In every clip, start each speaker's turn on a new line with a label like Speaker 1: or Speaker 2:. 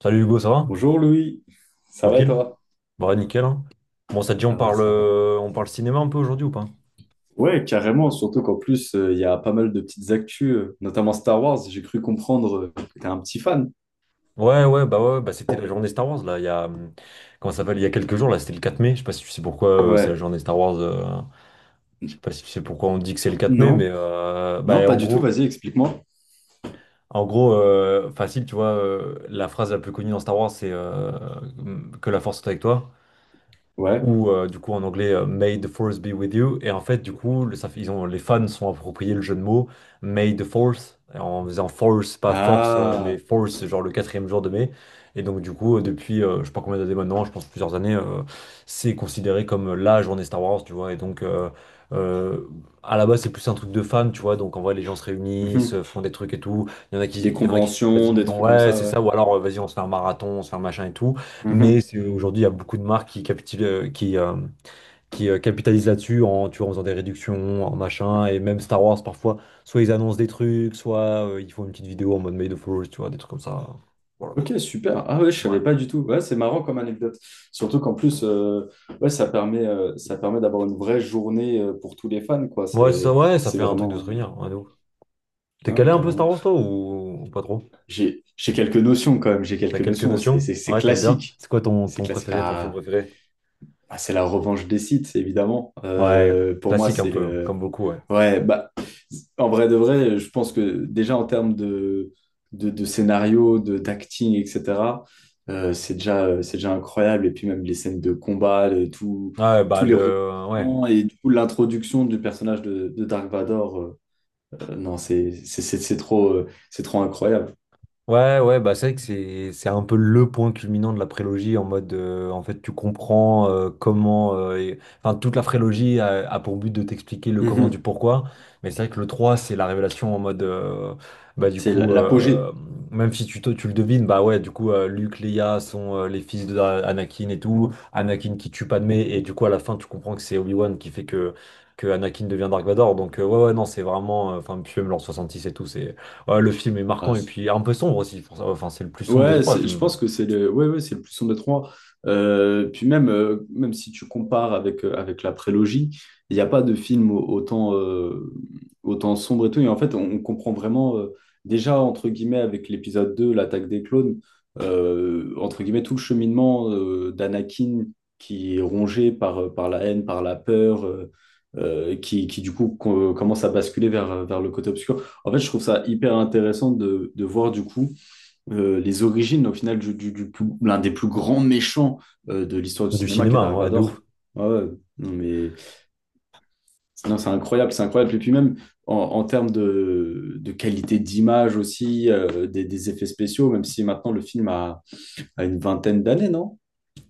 Speaker 1: Salut Hugo, ça va?
Speaker 2: Bonjour Louis, ça va et
Speaker 1: Tranquille?
Speaker 2: toi?
Speaker 1: Bah nickel hein. Bon, ça te dit,
Speaker 2: Ça va, ça va.
Speaker 1: on parle cinéma un peu aujourd'hui ou pas?
Speaker 2: Ouais, carrément, surtout qu'en plus, il y a pas mal de petites actus, notamment Star Wars, j'ai cru comprendre que t'es un petit fan.
Speaker 1: Ouais, ouais, bah ouais, ouais, bah c'était la journée Star Wars là, il y a comment ça s'appelle, il y a quelques jours, là c'était le 4 mai. Je sais pas si tu sais pourquoi c'est la
Speaker 2: Ouais.
Speaker 1: journée Star Wars, je sais pas si tu sais pourquoi on dit que c'est le 4 mai,
Speaker 2: Non,
Speaker 1: mais
Speaker 2: non,
Speaker 1: bah
Speaker 2: pas
Speaker 1: en
Speaker 2: du tout,
Speaker 1: gros,
Speaker 2: vas-y, explique-moi.
Speaker 1: facile, tu vois, la phrase la plus connue dans Star Wars, c'est que la force soit avec toi,
Speaker 2: Ouais.
Speaker 1: ou du coup, en anglais, May the Force be with you. Et en fait, du coup, le- ça fait- ils ont, les fans sont appropriés le jeu de mots May the Force, en faisant force, pas force, mais
Speaker 2: Ah,
Speaker 1: force, c'est genre le quatrième jour de mai. Et donc, du coup, depuis je sais pas combien d'années maintenant, je pense plusieurs années, c'est considéré comme la journée Star Wars, tu vois. Et donc, euh, à la base, c'est plus un truc de fans, tu vois. Donc, en vrai, les gens se réunissent,
Speaker 2: mhm.
Speaker 1: font des trucs et tout. Il y en a qui,
Speaker 2: Des
Speaker 1: il y en a qui disent,
Speaker 2: conventions, des
Speaker 1: vas-y,
Speaker 2: trucs comme
Speaker 1: ouais,
Speaker 2: ça,
Speaker 1: c'est
Speaker 2: ouais.
Speaker 1: ça, ou alors, vas-y, on se fait un marathon, on se fait un machin et tout. Mais
Speaker 2: Mhm.
Speaker 1: aujourd'hui, il y a beaucoup de marques qui capitalisent là-dessus, en, tu vois, en faisant des réductions, en machin. Et même Star Wars, parfois, soit ils annoncent des trucs, soit ils font une petite vidéo en mode Made of Heroes, tu vois, des trucs comme ça. Voilà
Speaker 2: Ok,
Speaker 1: quoi.
Speaker 2: super. Ah ouais, je
Speaker 1: Ouais.
Speaker 2: savais pas du tout. Ouais, c'est marrant comme anecdote. Surtout qu'en plus, ouais, ça permet, d'avoir une vraie journée pour tous les fans, quoi. C'est,
Speaker 1: Ouais, ça
Speaker 2: c'est
Speaker 1: fait un truc de se
Speaker 2: vraiment...
Speaker 1: réunir, ouais, de ouf. T'es
Speaker 2: Ah ouais,
Speaker 1: calé un peu
Speaker 2: carrément.
Speaker 1: Star Wars, toi, ou pas trop?
Speaker 2: J'ai quelques notions quand même, j'ai quelques
Speaker 1: T'as quelques
Speaker 2: notions. C'est
Speaker 1: notions?
Speaker 2: c'est- c'est
Speaker 1: Ouais, t'aimes bien?
Speaker 2: classique.
Speaker 1: C'est quoi
Speaker 2: C'est
Speaker 1: ton
Speaker 2: classique.
Speaker 1: préféré, ton film
Speaker 2: Ah,
Speaker 1: préféré?
Speaker 2: ah, c'est la revanche des Sith évidemment.
Speaker 1: Ouais,
Speaker 2: Pour moi,
Speaker 1: classique un
Speaker 2: c'est
Speaker 1: peu,
Speaker 2: le.
Speaker 1: comme beaucoup, ouais.
Speaker 2: Ouais, bah, en vrai de vrai, je pense que déjà en termes de, de scénario, d'acting, etc., c'est déjà incroyable. Et puis même les scènes de combat, le- tout,
Speaker 1: Ouais, bah
Speaker 2: tous les
Speaker 1: le. Ouais.
Speaker 2: rebondissements et du coup, l'introduction du personnage de Dark Vador, non, c'est trop, incroyable.
Speaker 1: Ouais, ouais, bah c'est vrai que c'est un peu le point culminant de la prélogie en mode en fait tu comprends comment enfin toute la prélogie a pour but de t'expliquer le comment du
Speaker 2: Mhm.
Speaker 1: pourquoi, mais c'est vrai que le trois, c'est la révélation en mode bah du
Speaker 2: C'est l-
Speaker 1: coup
Speaker 2: l'apogée.
Speaker 1: même si tu le devines, bah ouais, du coup Luke, Leia sont les fils de Anakin et tout, Anakin qui tue Padmé, et du coup à la fin tu comprends que c'est Obi-Wan qui fait que Anakin devient Dark Vador, donc ouais, ouais, non c'est vraiment enfin puis même l'an 66 et tout c'est. Ouais, le film est
Speaker 2: Ah,
Speaker 1: marquant et puis un peu sombre aussi, pour ça. Enfin, c'est le plus sombre des
Speaker 2: ouais,
Speaker 1: trois,
Speaker 2: je pense que c'est le, ouais, ouais, c'est le plus sombre des trois. Puis même si tu compares avec, avec la prélogie, il n'y a pas de film autant sombre et tout. Et en fait, on comprend vraiment, déjà, entre guillemets, avec l'épisode 2, l'attaque des clones, entre guillemets, tout le cheminement d'Anakin qui est rongé par, par la haine, par la peur, qui, commence à basculer vers, le côté obscur. En fait, je trouve ça hyper intéressant de, voir du coup les origines, au final, l'un des plus grands méchants de l'histoire du
Speaker 1: du
Speaker 2: cinéma, qui est
Speaker 1: cinéma,
Speaker 2: Dark
Speaker 1: hein, ouais, de
Speaker 2: Vador.
Speaker 1: ouf.
Speaker 2: Ouais, ouais. Non, mais non, c'est incroyable, c'est incroyable. Et puis même en, termes de, qualité d'image aussi, des, effets spéciaux, même si maintenant le film a, une vingtaine d'années, non?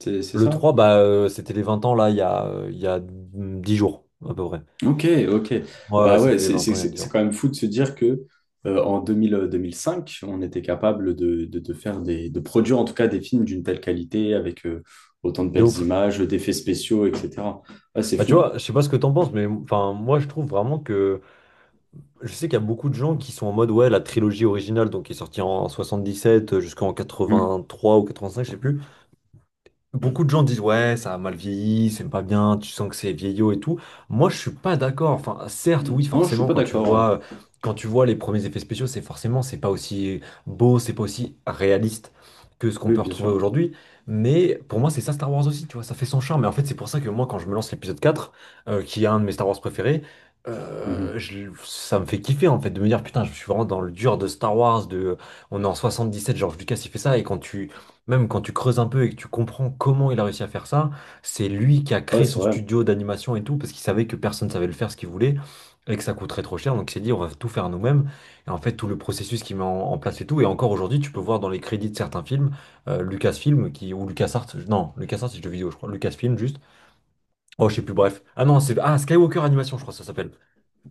Speaker 2: C'est
Speaker 1: Le
Speaker 2: ça?
Speaker 1: 3, bah, c'était les 20 ans, là, il y a 10 jours, à peu près.
Speaker 2: Ok, ok.
Speaker 1: Ouais, ouais,
Speaker 2: Bah ouais,
Speaker 1: c'était les
Speaker 2: c'est
Speaker 1: 20
Speaker 2: c'est-
Speaker 1: ans, il y a
Speaker 2: c'est-
Speaker 1: dix
Speaker 2: c'est
Speaker 1: jours.
Speaker 2: quand même fou de se dire que en 2000, 2005, on était capable de, de faire de produire en tout cas des films d'une telle qualité avec autant de
Speaker 1: De
Speaker 2: belles
Speaker 1: ouf.
Speaker 2: images, d'effets spéciaux, etc. Ah, c'est
Speaker 1: Bah, tu
Speaker 2: fou.
Speaker 1: vois, je sais pas ce que t'en penses, mais enfin, moi, je trouve vraiment que. Je sais qu'il y a beaucoup de gens qui sont en mode, ouais, la trilogie originale, donc qui est sortie en 77 jusqu'en
Speaker 2: Mhm.
Speaker 1: quatre-vingt-trois ou 85, je sais plus. Beaucoup de gens disent, ouais, ça a mal vieilli, c'est pas bien, tu sens que c'est vieillot et tout. Moi, je suis pas d'accord. Enfin, certes, oui,
Speaker 2: Non, je suis
Speaker 1: forcément,
Speaker 2: pas d'accord. Ouais.
Speaker 1: quand tu vois les premiers effets spéciaux, c'est forcément, c'est pas aussi beau, c'est pas aussi réaliste que ce qu'on
Speaker 2: Oui,
Speaker 1: peut
Speaker 2: bien
Speaker 1: retrouver
Speaker 2: sûr.
Speaker 1: aujourd'hui. Mais pour moi, c'est ça Star Wars aussi, tu vois, ça fait son charme. Et en fait, c'est pour ça que moi, quand je me lance l'épisode quatre, qui est un de mes Star Wars préférés,
Speaker 2: Mhm.
Speaker 1: ça me fait kiffer en fait de me dire putain, je suis vraiment dans le dur de Star Wars, de, on est en 77, George Lucas il fait ça, et quand tu creuses un peu et que tu comprends comment il a réussi à faire ça. C'est lui qui a
Speaker 2: Ouais,
Speaker 1: créé
Speaker 2: c'est
Speaker 1: son
Speaker 2: vrai.
Speaker 1: studio d'animation et tout, parce qu'il savait que personne savait le faire ce qu'il voulait, et que ça coûterait trop cher. Donc il s'est dit, on va tout faire nous-mêmes. Et en fait, tout le processus qu'il met en place et tout. Et encore aujourd'hui, tu peux voir dans les crédits de certains films, Lucasfilm qui, ou LucasArts. Non, LucasArts c'est le jeu vidéo, je crois. Lucasfilm juste. Oh, je sais plus, bref. Ah non, Skywalker Animation, je crois que ça s'appelle.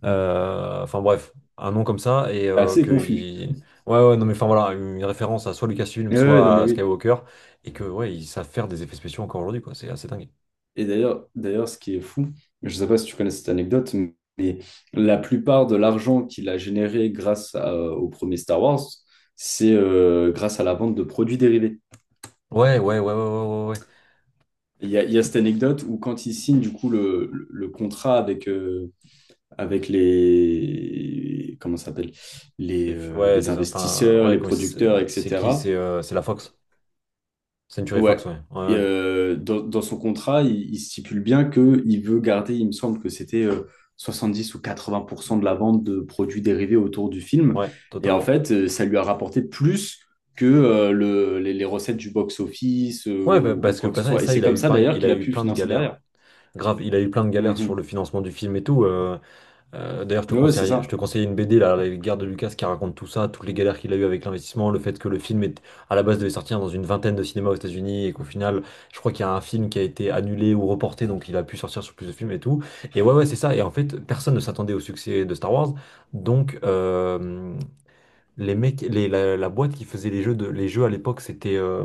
Speaker 1: Enfin bref, un nom comme ça, et
Speaker 2: C'est assez confus.
Speaker 1: ouais, ouais, non mais enfin voilà, une référence à soit Lucasfilm
Speaker 2: Non,
Speaker 1: soit
Speaker 2: mais
Speaker 1: à
Speaker 2: oui.
Speaker 1: Skywalker, et que ouais, ils savent faire des effets spéciaux encore aujourd'hui quoi, c'est assez dingue.
Speaker 2: Et d'ailleurs, ce qui est fou, je ne sais pas si tu connais cette anecdote, mais la plupart de l'argent qu'il a généré au premier Star Wars, c'est grâce à la vente de produits dérivés.
Speaker 1: Ouais, ouais, ouais, ouais, ouais, ouais, ouais, ouais.
Speaker 2: Il y a cette anecdote où quand il signe du coup le, le contrat avec, avec les, comment ça s'appelle, les, euh,
Speaker 1: Ouais,
Speaker 2: les
Speaker 1: les, enfin,
Speaker 2: investisseurs,
Speaker 1: ouais,
Speaker 2: les
Speaker 1: comment,
Speaker 2: producteurs,
Speaker 1: c'est qui,
Speaker 2: etc.,
Speaker 1: c'est la Fox, Century Fox,
Speaker 2: Ouais.
Speaker 1: ouais, ouais,
Speaker 2: Et,
Speaker 1: ouais,
Speaker 2: euh, dans, son contrat, il, stipule bien qu'il veut garder, il me semble que c'était 10 ou 80% de la vente de produits dérivés autour du film.
Speaker 1: ouais,
Speaker 2: Et en
Speaker 1: totalement.
Speaker 2: fait, ça lui a rapporté plus que les recettes du box-office
Speaker 1: Ouais bah,
Speaker 2: ou,
Speaker 1: parce que
Speaker 2: quoi que
Speaker 1: bah,
Speaker 2: ce
Speaker 1: ça
Speaker 2: soit. Et
Speaker 1: ça
Speaker 2: c'est
Speaker 1: il a
Speaker 2: comme
Speaker 1: eu
Speaker 2: ça
Speaker 1: pareil,
Speaker 2: d'ailleurs
Speaker 1: il
Speaker 2: qu'il
Speaker 1: a
Speaker 2: a
Speaker 1: eu
Speaker 2: pu
Speaker 1: plein de
Speaker 2: financer
Speaker 1: galères,
Speaker 2: derrière.
Speaker 1: grave, il a eu plein de galères sur le
Speaker 2: Mhm.
Speaker 1: financement du film et tout, euh, d'ailleurs, je te
Speaker 2: Ouais, c'est
Speaker 1: conseille,
Speaker 2: ça.
Speaker 1: une BD, là, La guerre de Lucas, qui raconte tout ça, toutes les galères qu'il a eues avec l'investissement, le fait que le film est, à la base, devait sortir dans une vingtaine de cinémas aux États-Unis, et qu'au final, je crois qu'il y a un film qui a été annulé ou reporté, donc il a pu sortir sur plus de films et tout. Et ouais, ouais, c'est ça. Et en fait, personne ne s'attendait au succès de Star Wars. Donc, les mecs, la boîte qui faisait les jeux, de, les jeux à l'époque, c'était.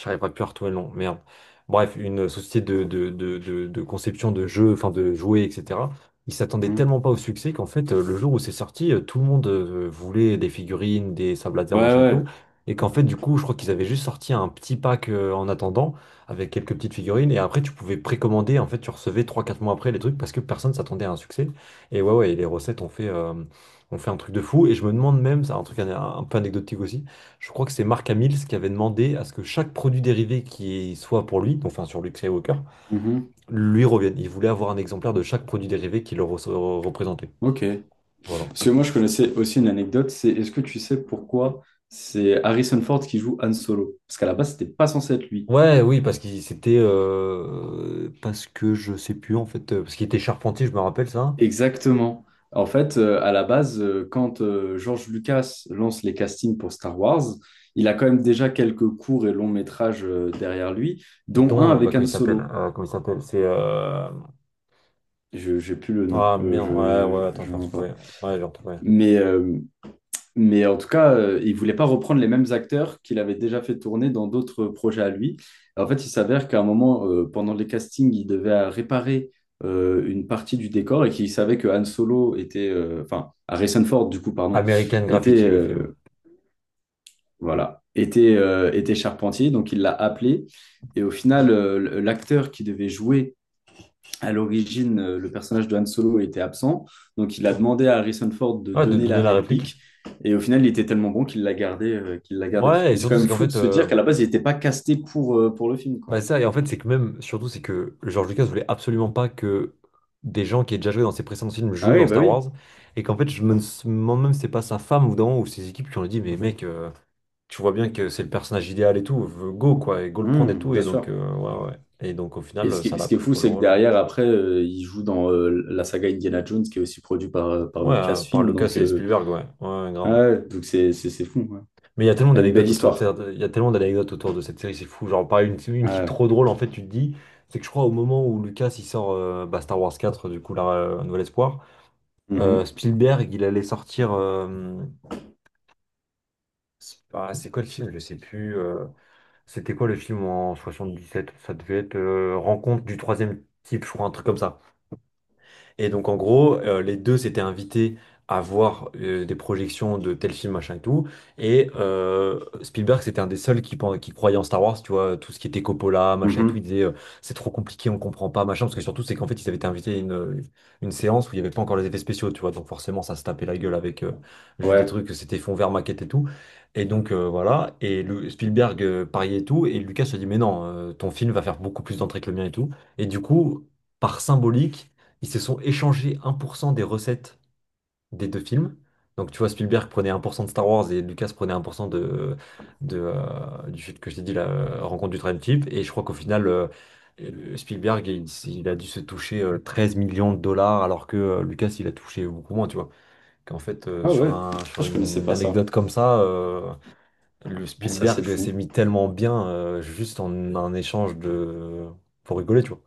Speaker 1: J'arriverai plus à retrouver le nom, merde. Bref, une société de, de conception de jeux, enfin de jouets, etc. Ils s'attendaient
Speaker 2: Mhm.
Speaker 1: tellement pas au succès qu'en fait, le jour où c'est sorti, tout le monde voulait des figurines, des sables laser,
Speaker 2: Ouais,
Speaker 1: machin et
Speaker 2: ouais.
Speaker 1: tout. Et qu'en fait, du coup, je crois qu'ils avaient juste sorti un petit pack, en attendant, avec quelques petites figurines. Et après, tu pouvais précommander. En fait, tu recevais trois quatre mois après les trucs parce que personne s'attendait à un succès. Et ouais, ouais, et les recettes ont fait un truc de fou. Et je me demande même, c'est un truc un peu anecdotique aussi. Je crois que c'est Mark Hamill qui avait demandé à ce que chaque produit dérivé qui soit pour lui, donc, enfin sur Luke Skywalker,
Speaker 2: Mhm.
Speaker 1: lui revienne. Il voulait avoir un exemplaire de chaque produit dérivé qui le représentait.
Speaker 2: Ok.
Speaker 1: Voilà.
Speaker 2: Parce que moi, je connaissais aussi une anecdote, c'est est-ce que tu sais pourquoi c'est Harrison Ford qui joue Han Solo? Parce qu'à la base, c'était pas censé être lui.
Speaker 1: Ouais, oui, parce qu'il c'était parce que je sais plus en fait, parce qu'il était charpentier, je me rappelle ça, hein.
Speaker 2: Exactement. En fait, à la base, quand George Lucas lance les castings pour Star Wars, il a quand même déjà quelques courts et longs métrages derrière lui, dont un
Speaker 1: Dont bah,
Speaker 2: avec
Speaker 1: comment
Speaker 2: Han
Speaker 1: il s'appelle,
Speaker 2: Solo.
Speaker 1: c'est
Speaker 2: Je n'ai plus le nom,
Speaker 1: ouais,
Speaker 2: je
Speaker 1: ouais,
Speaker 2: je-
Speaker 1: attends,
Speaker 2: je
Speaker 1: je vais
Speaker 2: n'en vois
Speaker 1: retrouver,
Speaker 2: pas.
Speaker 1: ouais, je vais retrouver.
Speaker 2: Mais, euh, Mais en tout cas, il voulait pas reprendre les mêmes acteurs qu'il avait déjà fait tourner dans d'autres projets à lui. En fait, il s'avère qu'à un moment, pendant les castings, il devait réparer une partie du décor et qu'il savait que Han Solo était, enfin, Harrison Ford, du coup, pardon,
Speaker 1: American
Speaker 2: était,
Speaker 1: Graffiti, le film.
Speaker 2: voilà, était, était charpentier. Donc, il l'a appelé. Et au final, l'acteur qui devait jouer à l'origine, le personnage de Han Solo était absent, donc il a demandé à Harrison Ford de
Speaker 1: Ouais, de
Speaker 2: donner
Speaker 1: donner
Speaker 2: la
Speaker 1: la réplique.
Speaker 2: réplique, et au final, il était tellement bon qu'il l'a gardé,
Speaker 1: Ouais, et
Speaker 2: Mais c'est
Speaker 1: surtout
Speaker 2: quand même
Speaker 1: c'est qu'en
Speaker 2: fou de
Speaker 1: fait,
Speaker 2: se dire qu'à la base, il n'était pas casté pour, pour le film,
Speaker 1: bah
Speaker 2: quoi.
Speaker 1: ça, et en fait, c'est que même, surtout, c'est que George Lucas voulait absolument pas que des gens qui aient déjà joué dans ses précédents films
Speaker 2: Ah
Speaker 1: jouent
Speaker 2: oui,
Speaker 1: dans
Speaker 2: bah
Speaker 1: Star
Speaker 2: oui,
Speaker 1: Wars. Et qu'en fait, je me demande même si c'est pas sa femme ou dans ou ses équipes qui ont dit, mais mec, tu vois bien que c'est le personnage idéal et tout, go quoi, et go le prendre et
Speaker 2: hum,
Speaker 1: tout.
Speaker 2: bien
Speaker 1: Et donc,
Speaker 2: sûr.
Speaker 1: ouais, ouais. Et donc, au
Speaker 2: Et ce
Speaker 1: final,
Speaker 2: qui,
Speaker 1: ça
Speaker 2: est
Speaker 1: l'a
Speaker 2: ce qui est
Speaker 1: pris
Speaker 2: fou,
Speaker 1: pour le
Speaker 2: c'est que
Speaker 1: rôle.
Speaker 2: derrière, après, il joue dans la saga Indiana Jones, qui est aussi produit par, par
Speaker 1: Ouais, par
Speaker 2: Lucasfilm,
Speaker 1: Lucas
Speaker 2: donc
Speaker 1: et Spielberg, ouais, ouais,
Speaker 2: ah
Speaker 1: grave.
Speaker 2: ouais, donc c'est fou, ouais.
Speaker 1: Mais il y a tellement
Speaker 2: C'est une belle
Speaker 1: d'anecdotes autour de
Speaker 2: histoire.
Speaker 1: cette... il y a tellement d'anecdotes autour de cette série, c'est fou. Genre, pareil, une qui est
Speaker 2: Ah.
Speaker 1: trop drôle, en fait, tu te dis, c'est que je crois au moment où Lucas il sort bah, Star Wars 4 du coup, là, Un Nouvel Espoir,
Speaker 2: Ouais. Mhm.
Speaker 1: Spielberg, il allait sortir. C'est quoi le film? Je sais plus. C'était quoi le film en soixante dix sept? Ça devait être Rencontre du troisième type, je crois, un truc comme ça. Et donc, en gros, les deux s'étaient invités à voir des projections de tel film, machin et tout. Et Spielberg, c'était un des seuls qui, qui croyait en Star Wars, tu vois, tout ce qui était Coppola, machin et tout.
Speaker 2: Mhm.
Speaker 1: Il disait, c'est trop compliqué, on comprend pas, machin. Parce que surtout, c'est qu'en fait, ils avaient été invités à une séance où il n'y avait pas encore les effets spéciaux, tu vois. Donc, forcément, ça se tapait la gueule avec juste des
Speaker 2: Ouais.
Speaker 1: trucs, c'était fond vert, maquette et tout. Et donc, voilà. Et le, Spielberg pariait et tout. Et Lucas se dit, mais non, ton film va faire beaucoup plus d'entrées que le mien et tout. Et du coup, par symbolique, ils se sont échangés 1% des recettes des deux films. Donc tu vois, Spielberg prenait 1% de Star Wars et Lucas prenait 1% de, du film que je t'ai dit, la Rencontre du troisième type. Et je crois qu'au final, Spielberg, il a dû se toucher 13 millions de dollars, alors que Lucas, il a touché beaucoup moins, tu vois. Qu'en fait,
Speaker 2: Ah
Speaker 1: sur
Speaker 2: ouais,
Speaker 1: un,
Speaker 2: ah,
Speaker 1: sur
Speaker 2: je connaissais
Speaker 1: une
Speaker 2: pas ça.
Speaker 1: anecdote comme ça, le
Speaker 2: Ah, ça, c'est
Speaker 1: Spielberg s'est
Speaker 2: fou.
Speaker 1: mis tellement bien juste en un échange de... pour rigoler, tu vois.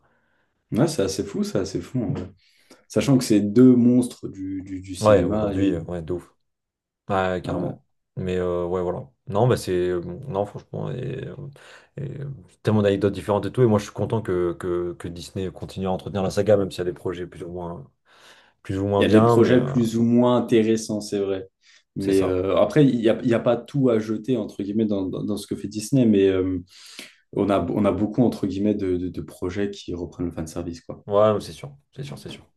Speaker 2: Ouais, c'est assez fou, c'est assez fou, en vrai. Sachant que c'est deux monstres du
Speaker 1: Ouais,
Speaker 2: cinéma,
Speaker 1: aujourd'hui,
Speaker 2: et
Speaker 1: ouais, de ouf. Ouais,
Speaker 2: euh,
Speaker 1: carrément. Mais ouais, voilà. Non, bah c'est bon. Non, franchement, et, euh, tellement d'anecdotes différentes et tout. Et moi, je suis content que, que Disney continue à entretenir la saga, même s'il y a des projets plus ou
Speaker 2: il
Speaker 1: moins
Speaker 2: y a des
Speaker 1: bien. Mais
Speaker 2: projets plus ou moins intéressants, c'est vrai.
Speaker 1: c'est
Speaker 2: Mais
Speaker 1: ça.
Speaker 2: après, il y a pas tout à jeter, entre guillemets, dans, dans ce que fait Disney. Mais on a beaucoup, entre guillemets, de, de projets qui reprennent le fanservice, quoi.
Speaker 1: Ouais, c'est sûr. C'est sûr, c'est sûr.